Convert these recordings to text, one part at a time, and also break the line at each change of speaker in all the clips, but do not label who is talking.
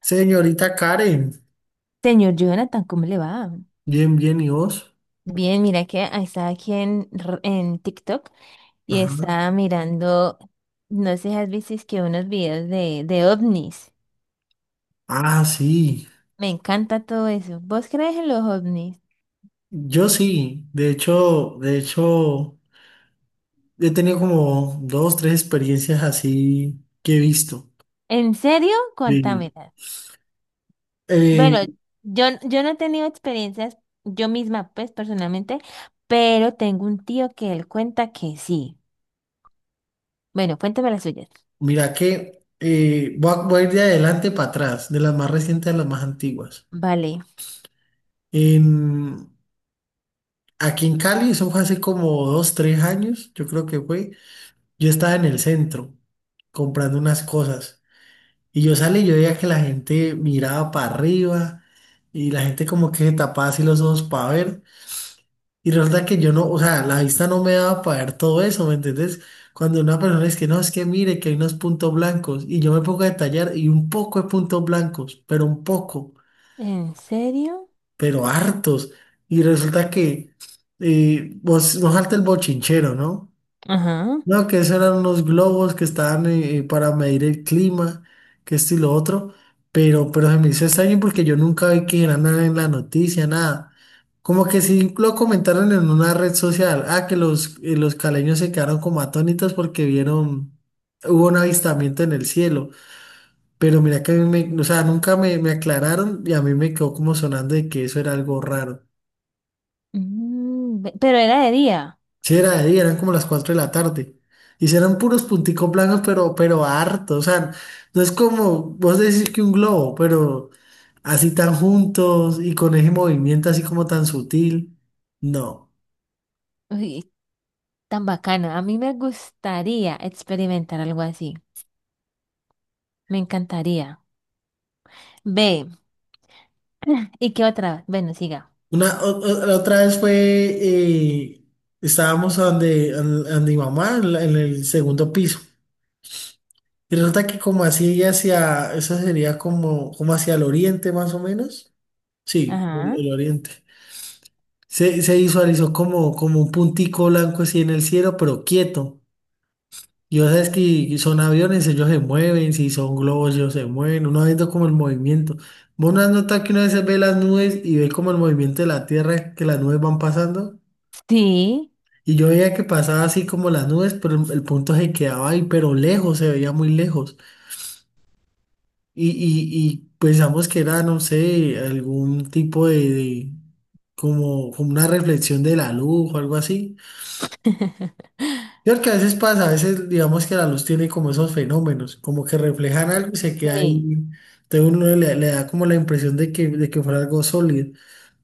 Señorita Karen,
Señor Jonathan, ¿cómo le va?
bien, bien, ¿y vos?
Bien, mira que ahí estaba aquí en TikTok y
Ajá.
estaba mirando, no sé si has visto es que unos videos de ovnis.
Ah, sí,
Me encanta todo eso. ¿Vos crees en los ovnis?
yo sí, de hecho, he tenido como dos, tres experiencias así que he visto.
¿En serio? Cuéntame.
Sí. Eh,
Bueno, yo no he tenido experiencias yo misma, pues personalmente, pero tengo un tío que él cuenta que sí. Bueno, cuéntame las suyas.
Mira que voy a ir de adelante para atrás, de las más recientes a las más antiguas.
Vale.
En, Aquí en Cali, eso fue hace como dos, tres años, yo creo que fue. Yo estaba en el centro comprando unas cosas. Y yo salí y yo veía que la gente miraba para arriba y la gente como que se tapaba así los ojos para ver. Y resulta que yo no, o sea, la vista no me daba para ver todo eso, ¿me entendés? Cuando una persona es que no, es que mire que hay unos puntos blancos y yo me pongo a detallar y un poco de puntos blancos, pero un poco,
¿En serio?
pero hartos. Y resulta que vos salta el bochinchero, ¿no?
Ajá.
No, que esos eran unos globos que estaban para medir el clima, que esto y lo otro, pero se me hizo extraño porque yo nunca vi que era nada en la noticia, nada. Como que sí lo comentaron en una red social. Ah, que los caleños se quedaron como atónitos porque vieron, hubo un avistamiento en el cielo, pero mira que a mí me, o sea, nunca me aclararon y a mí me quedó como sonando de que eso era algo raro.
Mm, pero era de día.
Sí, era de día, eran como las 4 de la tarde. Y sí eran puros punticos blancos, pero harto. O sea, no es como vos decís que un globo, pero así tan juntos y con ese movimiento así como tan sutil. No.
Uy, tan bacano. A mí me gustaría experimentar algo así. Me encantaría. Ve, ¿y qué otra? Bueno, siga.
La otra vez fue, eh, estábamos donde, ande mi mamá, en el segundo piso. Y resulta que como así hacia, eso sería como, como hacia el oriente más o menos. Sí, el
Ajá.
el oriente. Se visualizó como, como un puntico blanco así en el cielo, pero quieto. Y vos sabes que son aviones, ellos se mueven, si son globos, ellos se mueven, uno va viendo como el movimiento. Vos no has notado que una vez ve las nubes y ve como el movimiento de la Tierra, que las nubes van pasando.
Sí.
Y yo veía que pasaba así como las nubes, pero el punto se quedaba ahí, pero lejos, se veía muy lejos. Y pensamos que era, no sé, algún tipo como, como una reflexión de la luz o algo así. Yo creo que a veces pasa, a veces digamos que la luz tiene como esos fenómenos, como que reflejan algo y se queda ahí.
Sí.
Entonces uno le da como la impresión de que fuera algo sólido.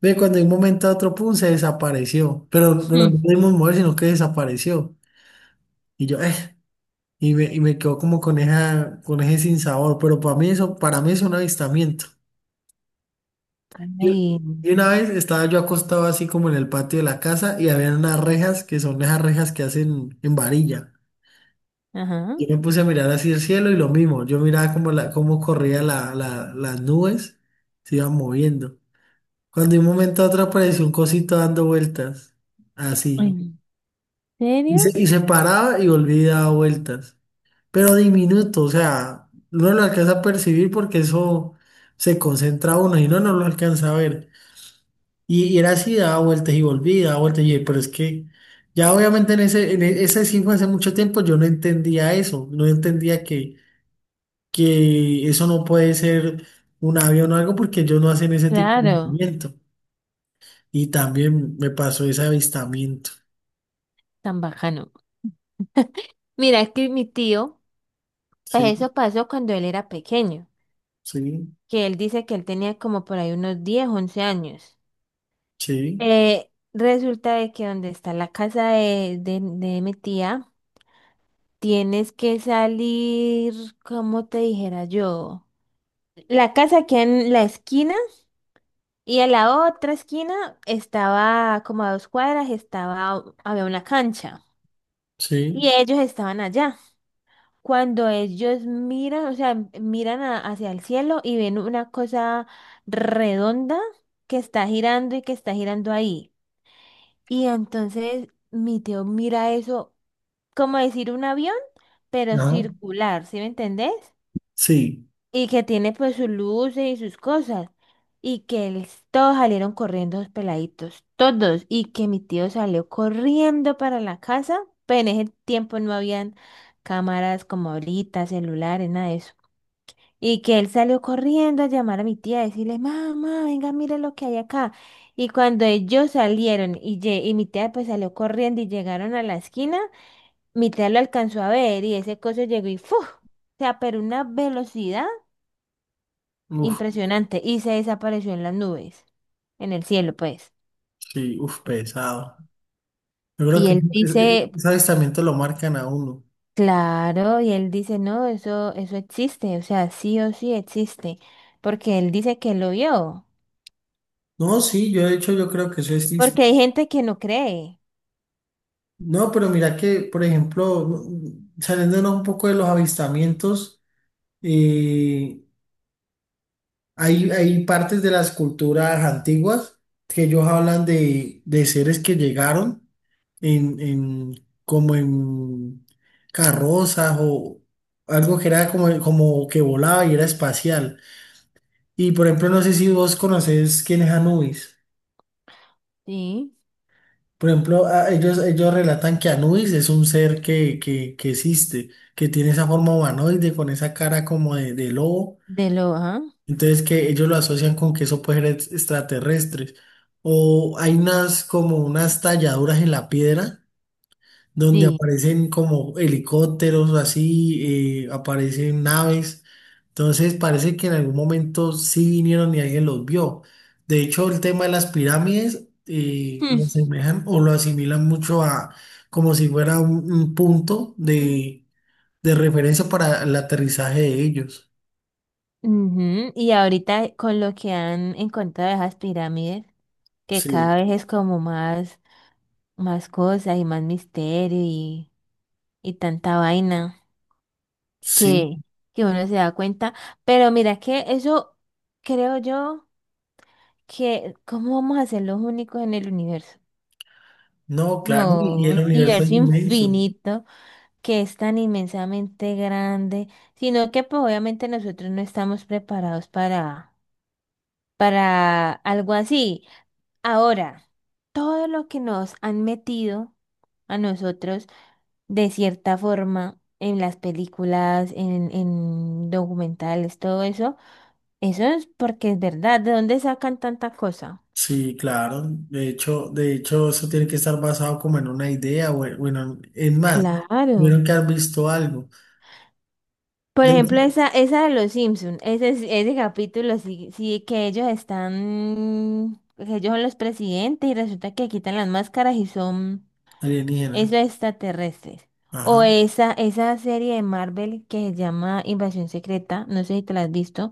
Ve, cuando de un momento a otro, pum, se desapareció. Pero no
Hmm.
pudimos mover, sino que desapareció. Y yo, eh, y me quedo como con esa, con ese sinsabor. Pero para mí eso, para mí es un avistamiento. Yo-
Ay,
y una vez estaba yo acostado así como en el patio de la casa y había unas rejas que son esas rejas que hacen en varilla.
ajá.
Yo me puse a mirar hacia el cielo y lo mismo, yo miraba cómo, la- cómo corría las nubes, se iban moviendo. Cuando de un momento a otro apareció un cosito dando vueltas, así.
¿En serio?
Y se paraba y volvía y daba vueltas, pero diminuto, o sea, uno lo alcanza a percibir porque eso se concentra a uno y no, no lo alcanza a ver. Y era así, daba vueltas y volvía, daba vueltas y pero es que... Ya obviamente en ese, ese sí fue hace mucho tiempo, yo no entendía eso, no entendía que eso no puede ser un avión o algo porque ellos no hacen ese tipo de
Claro,
movimiento. Y también me pasó ese avistamiento.
tan bacano. Mira, es que mi tío, pues
Sí,
eso pasó cuando él era pequeño,
sí,
que él dice que él tenía como por ahí unos 10 u 11 años.
sí,
Resulta de que donde está la casa de mi tía, tienes que salir, como te dijera yo. La casa queda en la esquina y a la otra esquina estaba como a dos cuadras, estaba, había una cancha y
sí,
ellos estaban allá. Cuando ellos miran, o sea, hacia el cielo y ven una cosa redonda que está girando y que está girando ahí. Y entonces mi tío mira eso como decir un avión, pero
ajá,
circular, ¿sí me entendés?
sí,
Y que tiene pues sus luces y sus cosas. Todos salieron corriendo los peladitos, todos. Y que mi tío salió corriendo para la casa, pero en ese tiempo no habían cámaras como ahorita, celulares, nada de eso. Y que él salió corriendo a llamar a mi tía, a decirle, mamá, venga, mire lo que hay acá. Y cuando ellos y mi tía pues salió corriendo y llegaron a la esquina, mi tía lo alcanzó a ver y ese coso llegó y ¡fu! O sea, pero una velocidad.
uf,
Impresionante. Y se desapareció en las nubes, en el cielo, pues.
sí, uf, pesado. Yo creo
Y
que
él
ese,
dice,
ese avistamiento lo marcan a uno.
claro, y él dice, no, eso existe, o sea, sí o sí existe, porque él dice que lo vio,
No, sí, yo de hecho yo creo que eso existe.
porque hay gente que no cree,
No, pero mira que, por ejemplo, no- saliéndonos un poco de los avistamientos, eh, hay, hay partes de las culturas antiguas que ellos hablan de seres que llegaron en, en- como en carrozas o algo que era como, como que volaba y era espacial. Y por ejemplo, no sé si vos conocés quién es Anubis.
sí,
Por ejemplo, ellos relatan que Anubis es un ser que existe, que tiene esa forma humanoide con esa cara como de lobo.
de lo, ajá,
Entonces que ellos lo asocian con que eso puede ser extraterrestres. O hay unas como unas talladuras en la piedra donde
sí.
aparecen como helicópteros así, aparecen naves. Entonces parece que en algún momento sí vinieron y alguien los vio. De hecho, el tema de las pirámides
Hmm.
lo asemejan o lo asimilan mucho a como si fuera un punto de referencia para el aterrizaje de ellos.
Ujú, y ahorita con lo que han encontrado de esas pirámides, que cada
Sí,
vez es como más, más cosas y más misterio y tanta vaina.
sí.
que, que uno se da cuenta. Pero mira que eso creo yo que, ¿cómo vamos a ser los únicos en el universo?
No, claro,
No,
y el
un
universo es
universo
inmenso.
infinito que es tan inmensamente grande, sino que pues obviamente nosotros no estamos preparados para algo así. Ahora, todo lo que nos han metido a nosotros de cierta forma en las películas, en documentales, todo eso. Eso es porque es verdad. ¿De dónde sacan tanta cosa?
Sí, claro. De hecho, eso tiene que estar basado como en una idea, o en- bueno, es más,
Claro.
tuvieron que haber visto algo
Por
de
ejemplo,
hecho,
esa de los Simpson, ese capítulo sí, sí que ellos están, que ellos son los presidentes y resulta que quitan las máscaras y son
alienígena.
esos extraterrestres. O
Ajá.
esa serie de Marvel que se llama Invasión Secreta, no sé si te la has visto,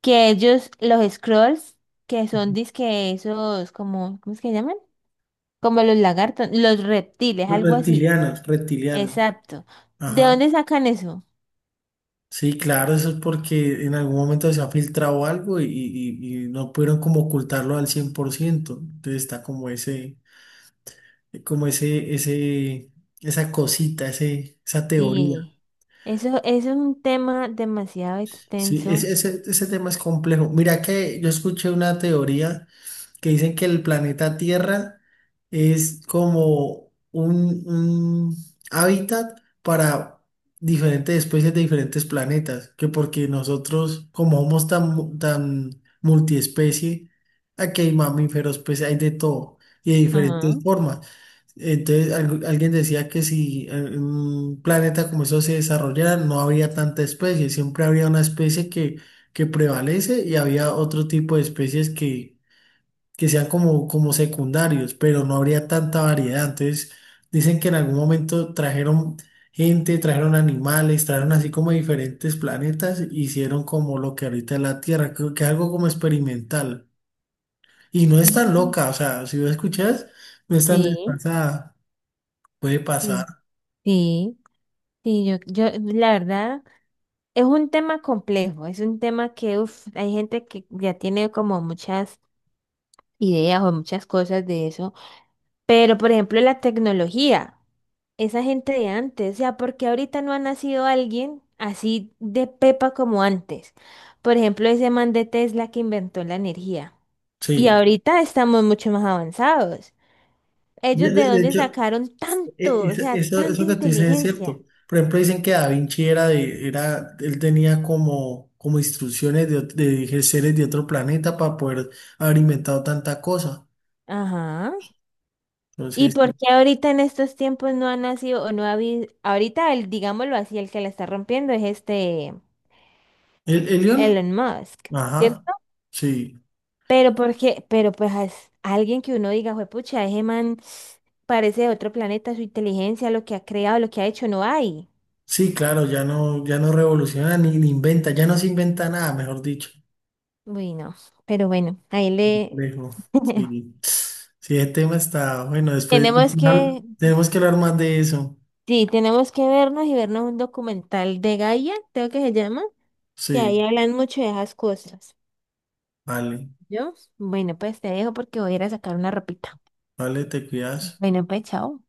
que ellos, los Skrulls, que son
Ujú.
disque esos como, ¿cómo es que llaman? Como los lagartos, los reptiles,
Los
algo así.
Reptilianos, reptilianos.
Exacto. ¿De
Ajá.
dónde sacan eso?
Sí, claro, eso es porque en algún momento se ha filtrado algo y no pudieron como ocultarlo al 100%. Entonces está como ese, como ese, ese, esa cosita, ese, esa teoría.
Sí. Eso es un tema demasiado
Sí,
extenso.
ese tema es complejo. Mira que yo escuché una teoría que dicen que el planeta Tierra es como un hábitat para diferentes especies de diferentes planetas, que porque nosotros, como somos tan, tan multiespecie, aquí hay mamíferos, pues hay de todo y de
Ajá.
diferentes formas. Entonces, alguien decía que si un planeta como eso se desarrollara, no habría tanta especie, siempre habría una especie que prevalece y había otro tipo de especies que sean como, como secundarios, pero no habría tanta variedad. Entonces, dicen que en algún momento trajeron gente, trajeron animales, trajeron así como diferentes planetas, e hicieron como lo que ahorita es la Tierra, creo que algo como experimental. Y no es tan
Ujú.
loca, o sea, si lo escuchas, no es tan
Sí,
desfasada, puede pasar.
sí, sí, sí, la verdad, es un tema complejo, es un tema que, uf, hay gente que ya tiene esa gente de antes, o sea, porque ahorita no ha nacido alguien así de pepa como antes. Por ejemplo, ese man de Tesla que inventó la energía. Y
Sí,
ahorita estamos mucho más avanzados. ¿Ellos de
de
dónde
hecho,
sacaron
e-
tanto, o
es-
sea,
eso,
tanta
eso que tú dices es
inteligencia?
cierto. Por ejemplo, dicen que Da Vinci era él tenía como, como instrucciones de seres de otro planeta para poder haber inventado tanta cosa.
Ajá. ¿Y
Entonces,
por qué ahorita en estos tiempos no ha nacido o no ha habido? Ahorita, el, digámoslo así, el que la está rompiendo es este
el león,
Elon Musk.
ajá,
¿Cierto?
sí,
Pero porque, pero pues as- alguien que uno diga, juepucha, ese man parece de otro planeta, su inteligencia, lo que ha creado, lo que ha hecho, no hay.
sí, claro, ya no revoluciona ni inventa, ya no se inventa nada, mejor dicho.
Uy, no. Pero bueno, ahí le
Lejos, sí. Sí, el tema está, bueno, después
tenemos que,
tenemos que hablar más de eso.
sí, tenemos que vernos y vernos un documental de Gaia, creo que se llama, que ahí
Sí,
hablan mucho de esas cosas.
vale.
¿Yo? Bueno, pues te dejo porque voy a ir a sacar una ropita.
Vale, te cuidas.
Bueno, pues chao.